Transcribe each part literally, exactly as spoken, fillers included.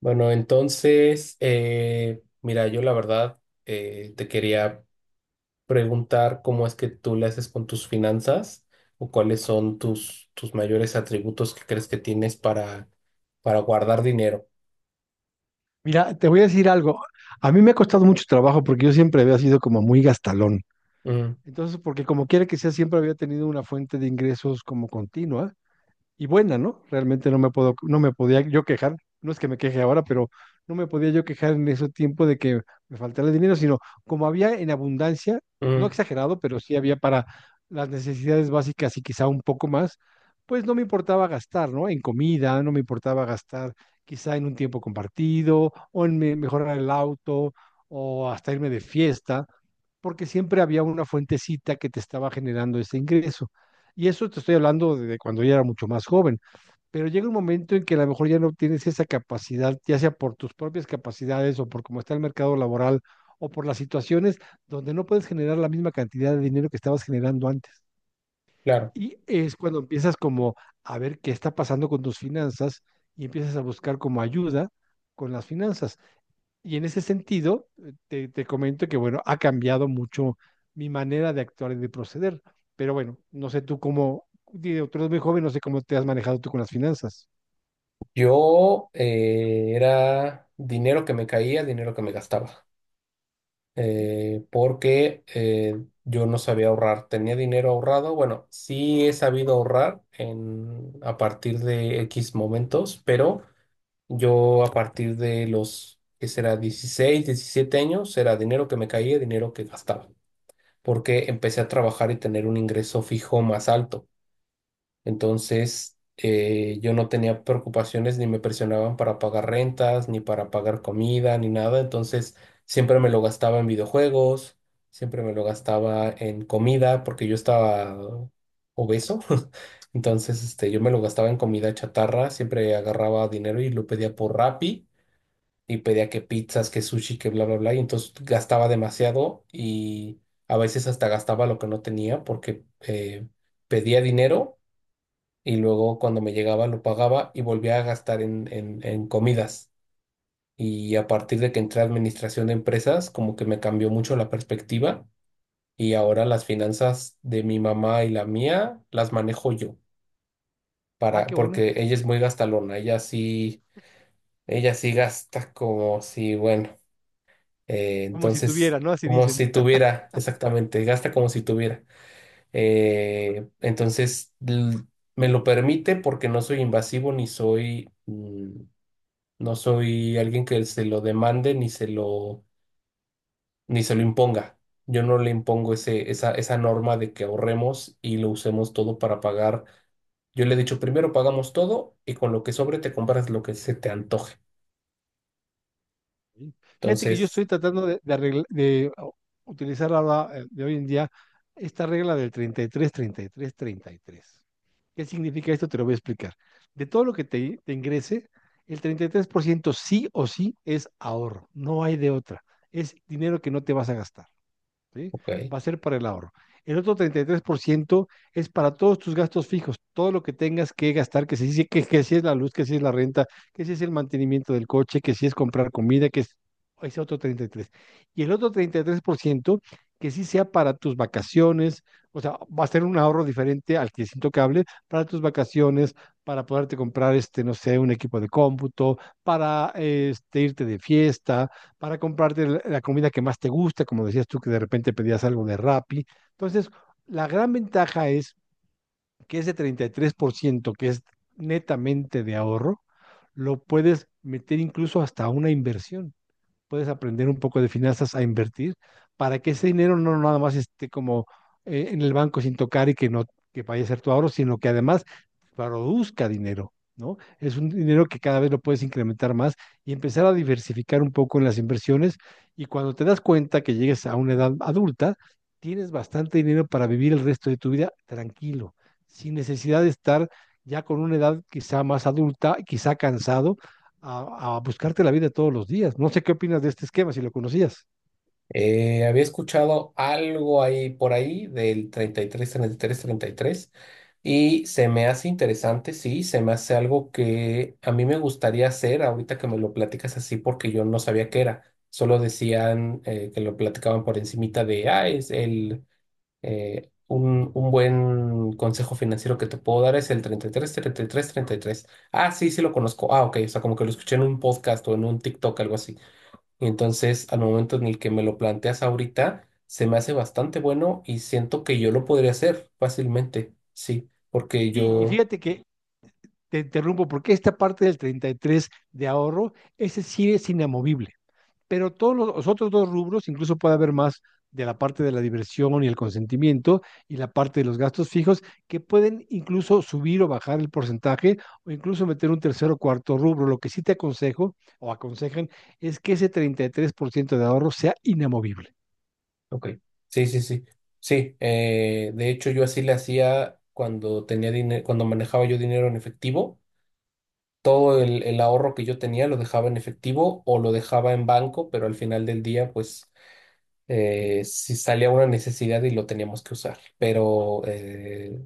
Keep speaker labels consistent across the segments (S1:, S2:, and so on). S1: Bueno, entonces, eh, Mira, yo la verdad eh, te quería preguntar cómo es que tú le haces con tus finanzas o cuáles son tus, tus mayores atributos que crees que tienes para, para guardar dinero.
S2: Mira, te voy a decir algo. A mí me ha costado mucho trabajo porque yo siempre había sido como muy gastalón.
S1: Mm,
S2: Entonces, porque como quiera que sea, siempre había tenido una fuente de ingresos como continua y buena, ¿no? Realmente no me puedo, no me podía yo quejar, no es que me queje ahora, pero no me podía yo quejar en ese tiempo de que me faltara dinero, sino como había en abundancia, no
S1: mm,
S2: exagerado, pero sí había para las necesidades básicas y quizá un poco más, pues no me importaba gastar, ¿no? En comida, no me importaba gastar quizá en un tiempo compartido o en me- mejorar el auto o hasta irme de fiesta, porque siempre había una fuentecita que te estaba generando ese ingreso. Y eso te estoy hablando de cuando ya era mucho más joven, pero llega un momento en que a lo mejor ya no tienes esa capacidad, ya sea por tus propias capacidades o por cómo está el mercado laboral o por las situaciones donde no puedes generar la misma cantidad de dinero que estabas generando antes.
S1: claro,
S2: Y es cuando empiezas como a ver qué está pasando con tus finanzas y empiezas a buscar como ayuda con las finanzas. Y en ese sentido, eh, te, te comento que, bueno, ha cambiado mucho mi manera de actuar y de proceder. Pero bueno, no sé tú cómo, digo, tú eres muy joven, no sé cómo te has manejado tú con las finanzas.
S1: yo eh, era dinero que me caía, dinero que me gastaba. Eh, porque eh, yo no sabía ahorrar. Tenía dinero ahorrado. Bueno, sí he sabido ahorrar en, a partir de X momentos, pero yo a partir de los, que será dieciséis, diecisiete años, era dinero que me caía, dinero que gastaba, porque empecé a trabajar y tener un ingreso fijo más alto. Entonces, eh, yo no tenía preocupaciones ni me presionaban para pagar rentas, ni para pagar comida, ni nada. Entonces, siempre me lo gastaba en videojuegos, siempre me lo gastaba en comida, porque yo estaba obeso. Entonces, este, yo me lo gastaba en comida chatarra, siempre agarraba dinero y lo pedía por Rappi y pedía que pizzas, que sushi, que bla, bla, bla. Y entonces gastaba demasiado y a veces hasta gastaba lo que no tenía porque eh, pedía dinero y luego cuando me llegaba lo pagaba y volvía a gastar en, en, en comidas. Y a partir de que entré a administración de empresas, como que me cambió mucho la perspectiva y ahora las finanzas de mi mamá y la mía las manejo yo
S2: Ah,
S1: para,
S2: qué bueno,
S1: porque ella es muy gastalona, ella sí, ella sí gasta como si, bueno, eh,
S2: como si
S1: entonces,
S2: tuviera, ¿no? Así
S1: como
S2: dicen.
S1: si tuviera, exactamente, gasta como si tuviera. Eh, entonces, l- me lo permite porque no soy invasivo ni soy... mm, No soy alguien que se lo demande ni se lo, ni se lo imponga. Yo no le impongo ese, esa, esa norma de que ahorremos y lo usemos todo para pagar. Yo le he dicho, primero pagamos todo y con lo que sobre te compras lo que se te antoje.
S2: Sí. Fíjate que yo
S1: Entonces,
S2: estoy tratando de, de, arregla- de, o, utilizar ahora, eh, de hoy en día esta regla del treinta treinta y y tres treinta y tres treinta y tres. ¿Qué significa esto? Te lo voy a explicar. De todo lo que te, te ingrese, el treinta y tres por ciento sí o sí es ahorro, no hay de otra. Es dinero que no te vas a gastar. ¿Sí?
S1: ok.
S2: Va a ser para el ahorro. El otro treinta y tres por ciento es para todos tus gastos fijos, todo lo que tengas que gastar, que, se que, que si es la luz, que si es la renta, que si es el mantenimiento del coche, que si es comprar comida, que es ese otro treinta y tres. Y el otro treinta y tres por ciento que sí sea para tus vacaciones, o sea, va a ser un ahorro diferente al que es intocable, para tus vacaciones, para poderte comprar, este, no sé, un equipo de cómputo, para este, irte de fiesta, para comprarte la la comida que más te gusta, como decías tú que de repente pedías algo de Rappi. Entonces, la gran ventaja es que ese treinta y tres por ciento, que es netamente de ahorro, lo puedes meter incluso hasta una inversión puedes aprender un poco de finanzas a invertir para que ese dinero no nada más esté como eh, en el banco sin tocar y que no que vaya a ser tu ahorro, sino que además produzca dinero, ¿no? Es un dinero que cada vez lo puedes incrementar más y empezar a diversificar un poco en las inversiones y cuando te das cuenta que llegues a una edad adulta, tienes bastante dinero para vivir el resto de tu vida tranquilo, sin necesidad de estar ya con una edad quizá más adulta, quizá cansado a, a buscarte la vida todos los días. No sé qué opinas de este esquema, si lo conocías.
S1: Eh, había escuchado algo ahí por ahí del treinta y tres, tres treinta y tres treinta y tres, y se me hace interesante, sí, se me hace algo que a mí me gustaría hacer ahorita que me lo platicas así, porque yo no sabía qué era. Solo decían, eh, que lo platicaban por encimita de, ah, es el, eh, un, un buen consejo financiero que te puedo dar es el treinta treinta y y tres treinta y tres treinta y tres. Ah, sí, sí lo conozco. Ah, ok, o sea, como que lo escuché en un podcast o en un TikTok, algo así. Entonces, al momento en el que me lo planteas ahorita, se me hace bastante bueno y siento que yo lo podría hacer fácilmente, sí, porque
S2: Sí, y
S1: yo,
S2: fíjate que te interrumpo, porque esta parte del treinta y tres de ahorro, ese sí es inamovible, pero todos los, los otros dos rubros, incluso puede haber más de la parte de la diversión y el consentimiento y la parte de los gastos fijos, que pueden incluso subir o bajar el porcentaje o incluso meter un tercer o cuarto rubro. Lo que sí te aconsejo o aconsejan es que ese treinta y tres por ciento de ahorro sea inamovible.
S1: ok, sí, sí, sí, sí, eh, de hecho yo así le hacía cuando tenía dinero, cuando manejaba yo dinero en efectivo, todo el, el ahorro que yo tenía lo dejaba en efectivo o lo dejaba en banco, pero al final del día, pues, eh, si salía una necesidad y lo teníamos que usar. Pero eh,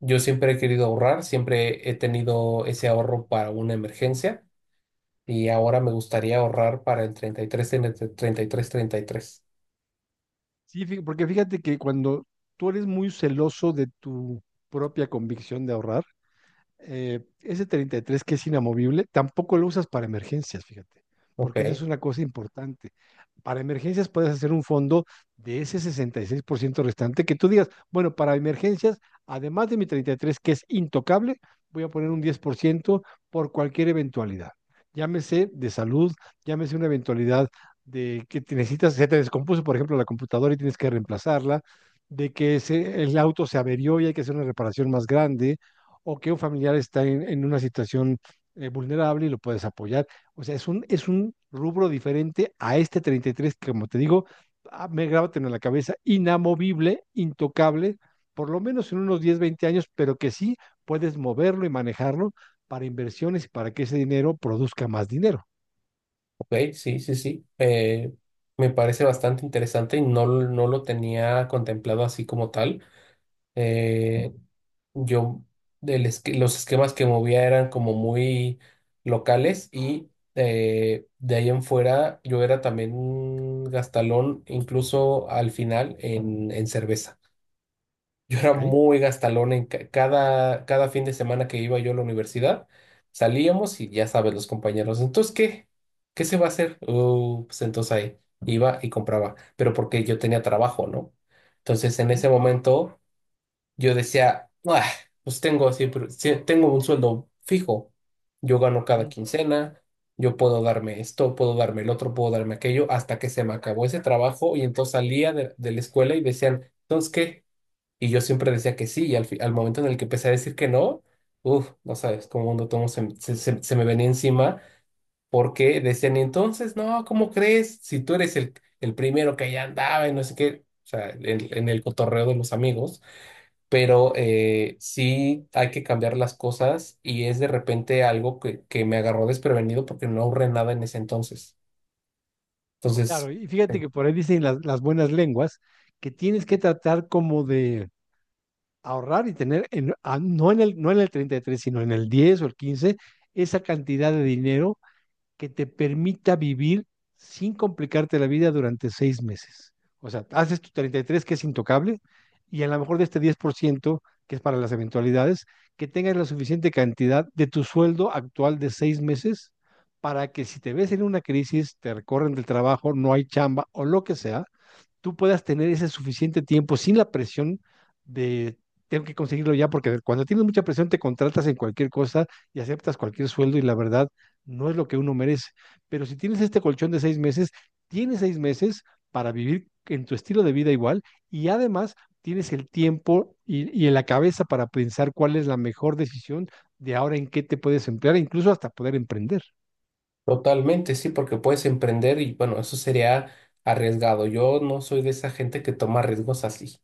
S1: yo siempre he querido ahorrar, siempre he tenido ese ahorro para una emergencia y ahora me gustaría ahorrar para el treinta y tres treinta y tres, treinta y tres.
S2: Sí, fí- porque fíjate que cuando tú eres muy celoso de tu propia convicción de ahorrar, eh, ese treinta y tres que es inamovible, tampoco lo usas para emergencias, fíjate,
S1: Ok,
S2: porque esa es una cosa importante. Para emergencias puedes hacer un fondo de ese sesenta y seis por ciento restante que tú digas, bueno, para emergencias, además de mi treinta y tres que es intocable, voy a poner un diez por ciento por cualquier eventualidad. Llámese de salud, llámese una eventualidad de que te necesitas, se te descompuso, por ejemplo, la computadora y tienes que reemplazarla, de que se- el auto se averió y hay que hacer una reparación más grande, o que un familiar está en, en una situación eh, vulnerable y lo puedes apoyar. O sea, es un, es un rubro diferente a este treinta y tres que, como te digo, ah, me grábatelo en la cabeza, inamovible, intocable, por lo menos en unos diez veinte años, pero que sí puedes moverlo y manejarlo para inversiones y para que ese dinero produzca más dinero.
S1: ok, sí, sí, sí. Eh, me parece bastante interesante y no, l- no lo tenía contemplado así como tal. Eh, yo, del esque- los esquemas que movía eran como muy locales, y eh, de ahí en fuera yo era también un gastalón, incluso al final en en cerveza. Yo era
S2: ¿Ok?
S1: muy gastalón en ca- cada, cada fin de semana que iba yo a la universidad. Salíamos y ya sabes, los compañeros, entonces, ¿qué? ¿Qué se va a hacer? "Oh, pues entonces ahí iba y compraba", pero porque yo tenía trabajo, ¿no? Entonces, en
S2: Ujú,
S1: ese momento, yo decía, "Ah, pues tengo siempre, sí, tengo un sueldo fijo, yo gano cada
S2: ujú.
S1: quincena, yo puedo darme esto, puedo darme el otro, puedo darme aquello", hasta que se me acabó ese trabajo y entonces salía de, de la escuela y decían, entonces, ¿qué? Y yo siempre decía que sí, y al, fi- al momento en el que empecé a decir que no, uff, no sabes cómo un tomo se, se, se- se me venía encima, porque decían, "Y entonces, no, ¿cómo crees? Si tú eres el, el primero que allá andaba", y no sé qué, o sea, en, en el cotorreo de los amigos. Pero eh, sí hay que cambiar las cosas, y es de repente algo que, que, me agarró desprevenido porque no ahorré nada en ese entonces. Entonces.
S2: Claro, y fíjate que por ahí dicen las, las buenas lenguas que tienes que tratar como de ahorrar y tener, en- a- no, en el, no en el treinta y tres, sino en el diez o el quince, esa cantidad de dinero que te permita vivir sin complicarte la vida durante seis meses. O sea, haces tu treinta y tres que es intocable y a lo mejor de este diez por ciento que es para las eventualidades, que tengas la suficiente cantidad de tu sueldo actual de seis meses para que si te ves en una crisis, te recorren del trabajo, no hay chamba o lo que sea, tú puedas tener ese suficiente tiempo sin la presión de tengo que conseguirlo ya, porque cuando tienes mucha presión te contratas en cualquier cosa y aceptas cualquier sueldo y la verdad no es lo que uno merece. Pero si tienes este colchón de seis meses, tienes seis meses para vivir en tu estilo de vida igual y además tienes el tiempo y, y en la cabeza para pensar cuál es la mejor decisión de ahora en qué te puedes emplear, incluso hasta poder emprender.
S1: Totalmente, sí, porque puedes emprender y bueno, eso sería arriesgado. Yo no soy de esa gente que toma riesgos así.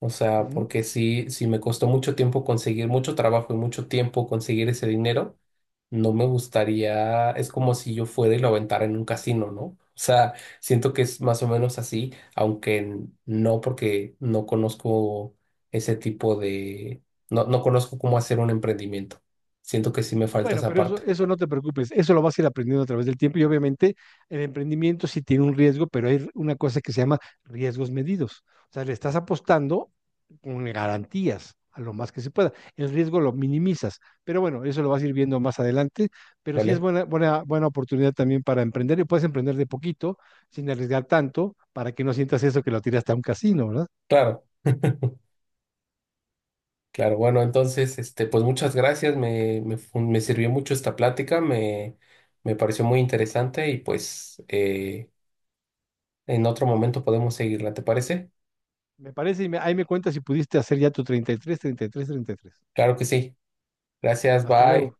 S1: O
S2: Uh
S1: sea,
S2: -huh.
S1: porque sí, sí me costó mucho tiempo conseguir mucho trabajo y mucho tiempo conseguir ese dinero, no me gustaría, es como si yo fuera y lo aventara en un casino, ¿no? O sea, siento que es más o menos así, aunque n- no, porque no conozco ese tipo de, no, no conozco cómo hacer un emprendimiento. Siento que sí me falta
S2: Bueno,
S1: esa
S2: pero eso,
S1: parte,
S2: eso no te preocupes, eso lo vas a ir aprendiendo a través del tiempo y obviamente el emprendimiento sí tiene un riesgo, pero hay una cosa que se llama riesgos medidos. O sea, le estás apostando con garantías a lo más que se pueda. El riesgo lo minimizas, pero bueno, eso lo vas a ir viendo más adelante, pero sí es
S1: ¿vale?
S2: buena, buena, buena oportunidad también para emprender y puedes emprender de poquito, sin arriesgar tanto, para que no sientas eso que lo tiraste a un casino, ¿verdad?
S1: Claro. Claro, bueno, entonces, este, pues muchas gracias, me, me, fu- me sirvió mucho esta plática, me, me pareció muy interesante, y pues eh, en otro momento podemos seguirla, ¿te parece?
S2: Me parece y me, ahí me cuentas si pudiste hacer ya tu treinta y tres, treinta y tres, treinta y tres.
S1: Claro que sí. Gracias,
S2: Hasta
S1: bye.
S2: luego.